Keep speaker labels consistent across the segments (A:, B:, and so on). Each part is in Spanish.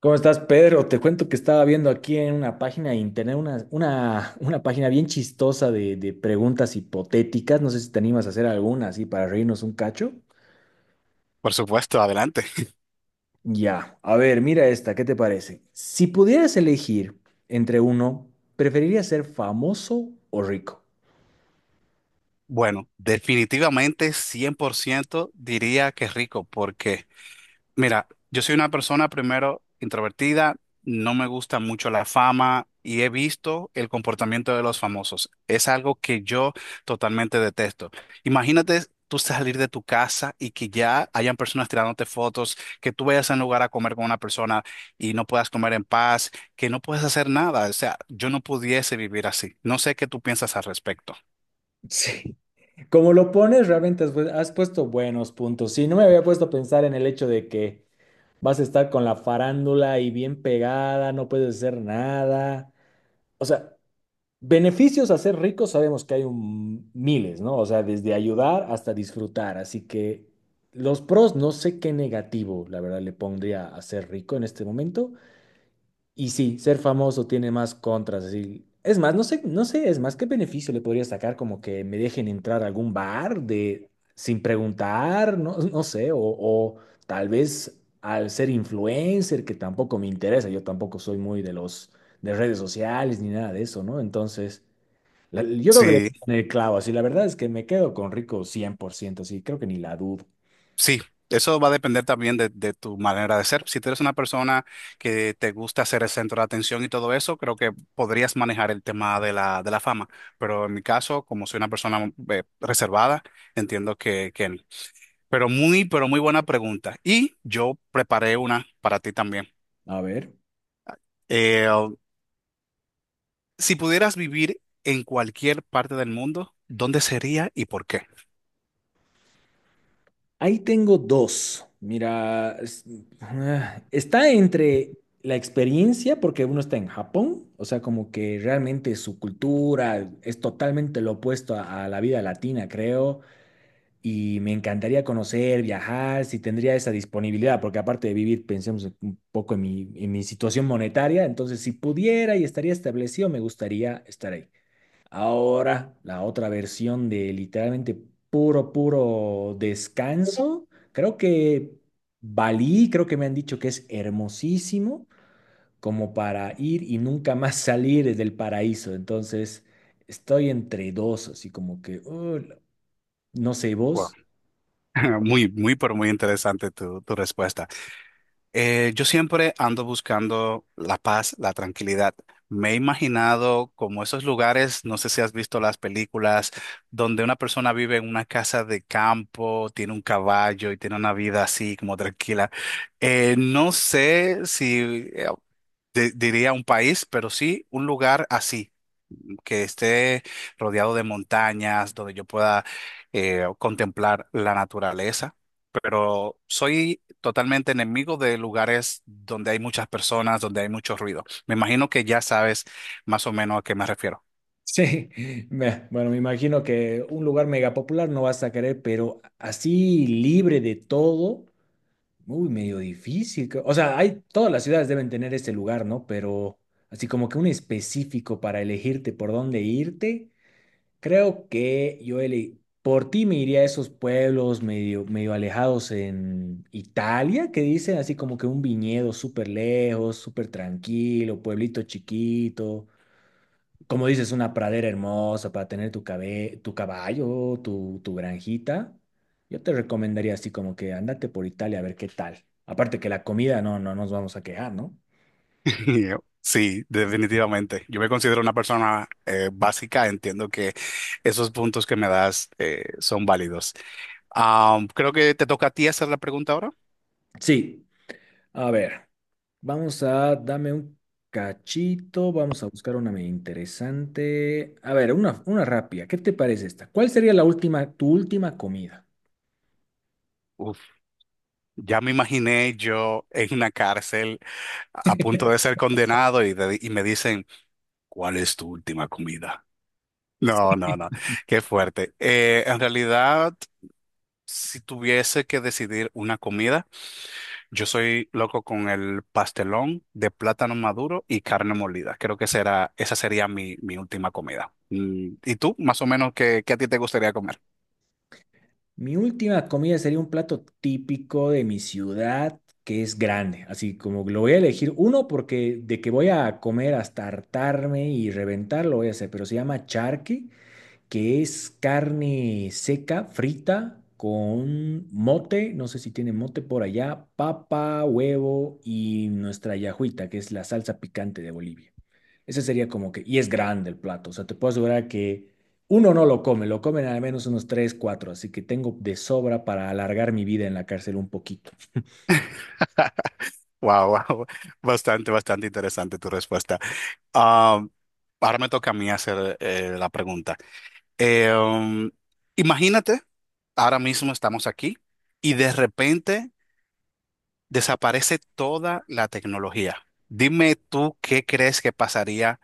A: ¿Cómo estás, Pedro? Te cuento que estaba viendo aquí en una página de internet, una página bien chistosa de preguntas hipotéticas. No sé si te animas a hacer alguna así para reírnos un cacho.
B: Por supuesto, adelante.
A: Ya, a ver, mira esta, ¿qué te parece? Si pudieras elegir entre uno, ¿preferirías ser famoso o rico?
B: Bueno, definitivamente 100%, diría que rico, porque mira, yo soy una persona primero introvertida, no me gusta mucho la fama y he visto el comportamiento de los famosos. Es algo que yo totalmente detesto. Imagínate tú salir de tu casa y que ya hayan personas tirándote fotos, que tú vayas a un lugar a comer con una persona y no puedas comer en paz, que no puedes hacer nada. O sea, yo no pudiese vivir así. No sé qué tú piensas al respecto.
A: Sí, como lo pones, realmente has puesto buenos puntos. Sí, no me había puesto a pensar en el hecho de que vas a estar con la farándula y bien pegada, no puedes hacer nada. O sea, beneficios a ser rico sabemos que hay miles, ¿no? O sea, desde ayudar hasta disfrutar. Así que los pros, no sé qué negativo, la verdad, le pondría a ser rico en este momento. Y sí, ser famoso tiene más contras, así. Es más, no sé, no sé, es más, ¿qué beneficio le podría sacar como que me dejen entrar a algún bar de sin preguntar? No, no sé, o tal vez al ser influencer, que tampoco me interesa, yo tampoco soy muy de los de redes sociales ni nada de eso, ¿no? Entonces. Yo creo que le
B: Sí,
A: dieron el clavo, así la verdad es que me quedo con rico 100%, así creo que ni la dudo.
B: sí, eso va a depender también de tu manera de ser. Si tú eres una persona que te gusta ser el centro de atención y todo eso, creo que podrías manejar el tema de la fama. Pero en mi caso, como soy una persona reservada, entiendo que no. Pero muy buena pregunta. Y yo preparé una para ti también.
A: A ver,
B: Eh, si pudieras vivir en cualquier parte del mundo, ¿dónde sería y por qué?
A: ahí tengo dos. Mira, está entre la experiencia, porque uno está en Japón, o sea, como que realmente su cultura es totalmente lo opuesto a la vida latina, creo, y me encantaría conocer, viajar, si tendría esa disponibilidad, porque aparte de vivir, pensemos un poco en mi situación monetaria, entonces si pudiera y estaría establecido, me gustaría estar ahí. Ahora, la otra versión de literalmente puro, puro descanso. Creo que Bali, creo que me han dicho que es hermosísimo como para ir y nunca más salir del paraíso. Entonces, estoy entre dos, así como que, no sé,
B: Wow.
A: vos.
B: Muy, muy, pero muy interesante tu respuesta. Yo siempre ando buscando la paz, la tranquilidad. Me he imaginado como esos lugares, no sé si has visto las películas, donde una persona vive en una casa de campo, tiene un caballo y tiene una vida así como tranquila. No sé si eh, diría un país, pero sí un lugar así que esté rodeado de montañas, donde yo pueda contemplar la naturaleza. Pero soy totalmente enemigo de lugares donde hay muchas personas, donde hay mucho ruido. Me imagino que ya sabes más o menos a qué me refiero.
A: Sí, bueno, me imagino que un lugar mega popular no vas a querer, pero así libre de todo. Uy, medio difícil, creo. O sea, todas las ciudades deben tener este lugar, ¿no? Pero así como que un específico para elegirte por dónde irte, creo que por ti me iría a esos pueblos medio, medio alejados en Italia, que dicen así como que un viñedo súper lejos, súper tranquilo, pueblito chiquito como dices, una pradera hermosa para tener tu caballo, tu granjita, yo te recomendaría así como que andate por Italia a ver qué tal. Aparte que la comida no, no nos vamos a quejar, ¿no?
B: Sí, definitivamente. Yo me considero una persona básica. Entiendo que esos puntos que me das son válidos. Creo que te toca a ti hacer la pregunta ahora.
A: Sí, a ver, dame un cachito, vamos a buscar una medio interesante. A ver, una rápida, ¿qué te parece esta? ¿Cuál sería la última, tu última comida?
B: Uf, ya me imaginé yo en una cárcel a punto de ser condenado y me dicen, ¿cuál es tu última comida? No, no, no, qué fuerte. En realidad, si tuviese que decidir una comida, yo soy loco con el pastelón de plátano maduro y carne molida. Creo que será, esa sería mi última comida. Mm, ¿y tú, más o menos, qué a ti te gustaría comer?
A: Mi última comida sería un plato típico de mi ciudad, que es grande. Así como lo voy a elegir uno porque de que voy a comer hasta hartarme y reventar, lo voy a hacer, pero se llama charqui, que es carne seca, frita, con mote, no sé si tiene mote por allá, papa, huevo y nuestra yajuita, que es la salsa picante de Bolivia. Ese sería como que, y es grande el plato, o sea, te puedo asegurar que uno no lo come, lo comen al menos unos tres, cuatro, así que tengo de sobra para alargar mi vida en la cárcel un poquito.
B: Wow, wow, bastante, bastante interesante tu respuesta. Ah, ahora me toca a mí hacer la pregunta. Eh, um, Imagínate, ahora mismo estamos aquí y de repente desaparece toda la tecnología. Dime tú qué crees que pasaría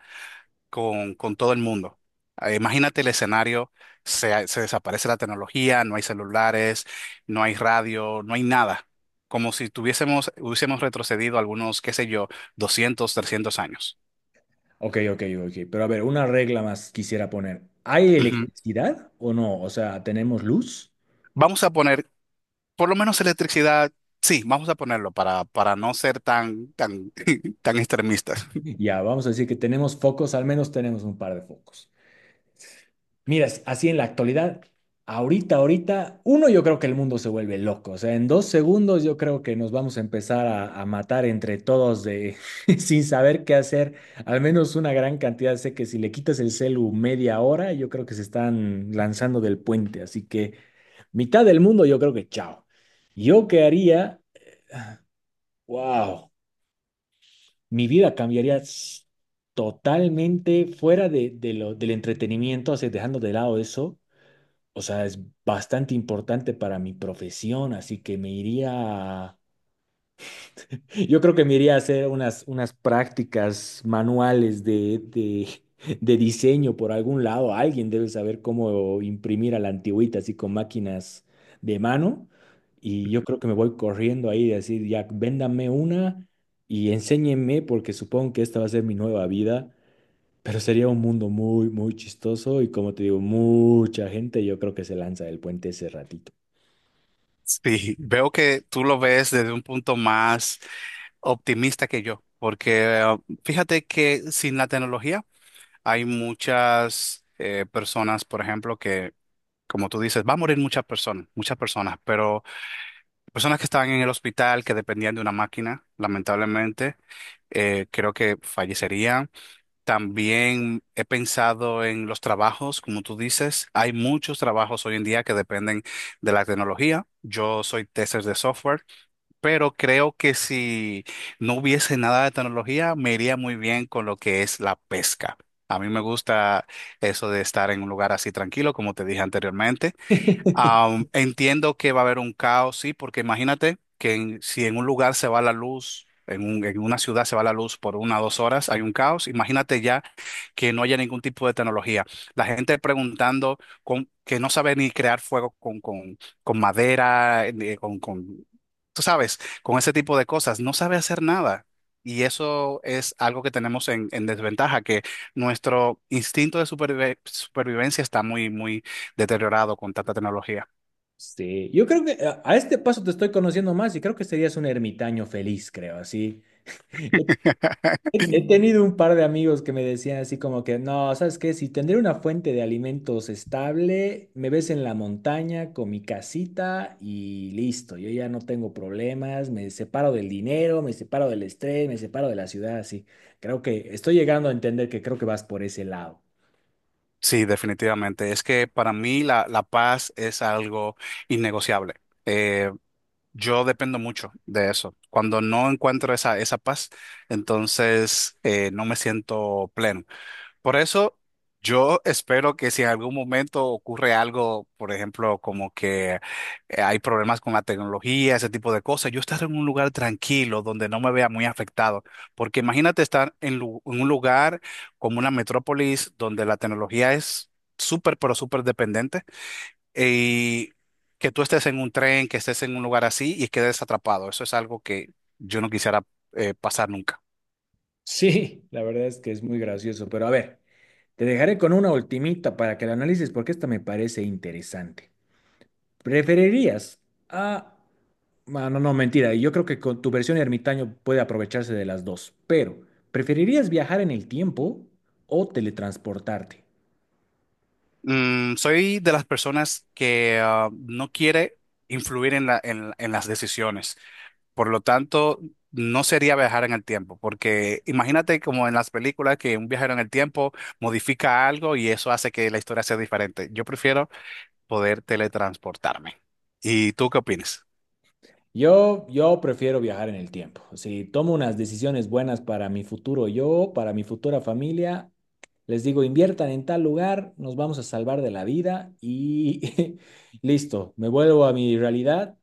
B: con todo el mundo. Imagínate el escenario, se desaparece la tecnología, no hay celulares, no hay radio, no hay nada. Como si tuviésemos, hubiésemos retrocedido algunos, qué sé yo, 200, 300 años.
A: Ok, ok, ok, pero a ver, una regla más quisiera poner. ¿Hay
B: Ujú.
A: electricidad o no? O sea, ¿tenemos luz?
B: Vamos a poner por lo menos electricidad, sí, vamos a ponerlo para no ser tan, tan, tan extremistas.
A: Ya, vamos a decir que tenemos focos, al menos tenemos un par de focos. Miras, así en la actualidad, ahorita, ahorita, uno, yo creo que el mundo se vuelve loco. O sea, en 2 segundos yo creo que nos vamos a empezar a matar entre todos de, sin saber qué hacer. Al menos una gran cantidad. Sé que si le quitas el celu media hora, yo creo que se están lanzando del puente. Así que mitad del mundo, yo creo que chao. Yo qué haría, wow. Mi vida cambiaría totalmente fuera del entretenimiento, así dejando de lado eso. O sea, es bastante importante para mi profesión, así que me iría, yo creo que me iría a hacer unas prácticas manuales de diseño por algún lado. Alguien debe saber cómo imprimir a la antigüita, así con máquinas de mano. Y yo creo que me voy corriendo ahí y decir, ya, véndame una y enséñenme, porque supongo que esta va a ser mi nueva vida. Pero sería un mundo muy, muy chistoso y como te digo, mucha gente yo creo que se lanza del puente ese ratito.
B: Sí, veo que tú lo ves desde un punto más optimista que yo, porque fíjate que sin la tecnología hay muchas personas, por ejemplo, que, como tú dices, va a morir muchas personas, pero personas que estaban en el hospital, que dependían de una máquina, lamentablemente, creo que fallecerían. También he pensado en los trabajos, como tú dices, hay muchos trabajos hoy en día que dependen de la tecnología. Yo soy tester de software, pero creo que si no hubiese nada de tecnología, me iría muy bien con lo que es la pesca. A mí me gusta eso de estar en un lugar así tranquilo, como te dije anteriormente. Entiendo que va a haber un caos, sí, porque imagínate si en un lugar se va la luz, en una ciudad se va la luz por 1 o 2 horas, hay un caos. Imagínate ya que no haya ningún tipo de tecnología. La gente preguntando que no sabe ni crear fuego con madera, ni tú sabes, con ese tipo de cosas, no sabe hacer nada. Y eso es algo que tenemos en desventaja, que nuestro instinto de supervivencia está muy, muy deteriorado con tanta tecnología.
A: Sí, yo creo que a este paso te estoy conociendo más y creo que serías un ermitaño feliz, creo, así. He, he tenido un par de amigos que me decían así como que, no, ¿sabes qué? Si tendré una fuente de alimentos estable, me ves en la montaña con mi casita y listo, yo ya no tengo problemas, me separo del dinero, me separo del estrés, me separo de la ciudad, así. Creo que estoy llegando a entender que creo que vas por ese lado.
B: Sí, definitivamente. Es que para mí la paz es algo innegociable. Eh, yo dependo mucho de eso. Cuando no encuentro esa paz, entonces no me siento pleno. Por eso yo espero que si en algún momento ocurre algo, por ejemplo, como que hay problemas con la tecnología, ese tipo de cosas, yo estar en un lugar tranquilo donde no me vea muy afectado. Porque imagínate estar en un lugar como una metrópolis donde la tecnología es súper, pero súper dependiente y que tú estés en un tren, que estés en un lugar así y quedes atrapado. Eso es algo que yo no quisiera pasar nunca.
A: Sí, la verdad es que es muy gracioso, pero a ver. Te dejaré con una ultimita para que la analices porque esta me parece interesante. ¿Preferirías a... Ah, no, no, mentira. Yo creo que con tu versión ermitaño puede aprovecharse de las dos, pero ¿preferirías viajar en el tiempo o teletransportarte?
B: Mm, soy de las personas que ah, no quiere influir en en las decisiones. Por lo tanto, no sería viajar en el tiempo, porque imagínate como en las películas que un viajero en el tiempo modifica algo y eso hace que la historia sea diferente. Yo prefiero poder teletransportarme. ¿Y tú qué opinas?
A: Yo prefiero viajar en el tiempo. Si tomo unas decisiones buenas para mi futuro yo, para mi futura familia, les digo, inviertan en tal lugar, nos vamos a salvar de la vida y listo, me vuelvo a mi realidad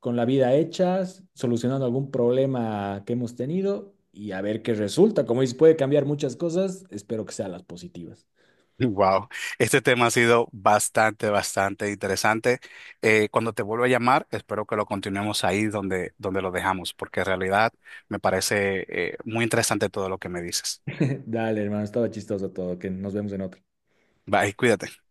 A: con la vida hecha, solucionando algún problema que hemos tenido y a ver qué resulta. Como dices, puede cambiar muchas cosas, espero que sean las positivas.
B: Wow, este tema ha sido bastante, bastante interesante. Cuando te vuelva a llamar, espero que lo continuemos ahí donde, donde lo dejamos, porque en realidad me parece muy interesante todo lo que me dices.
A: Dale, hermano, estaba chistoso todo, que nos vemos en otro
B: Bye, cuídate.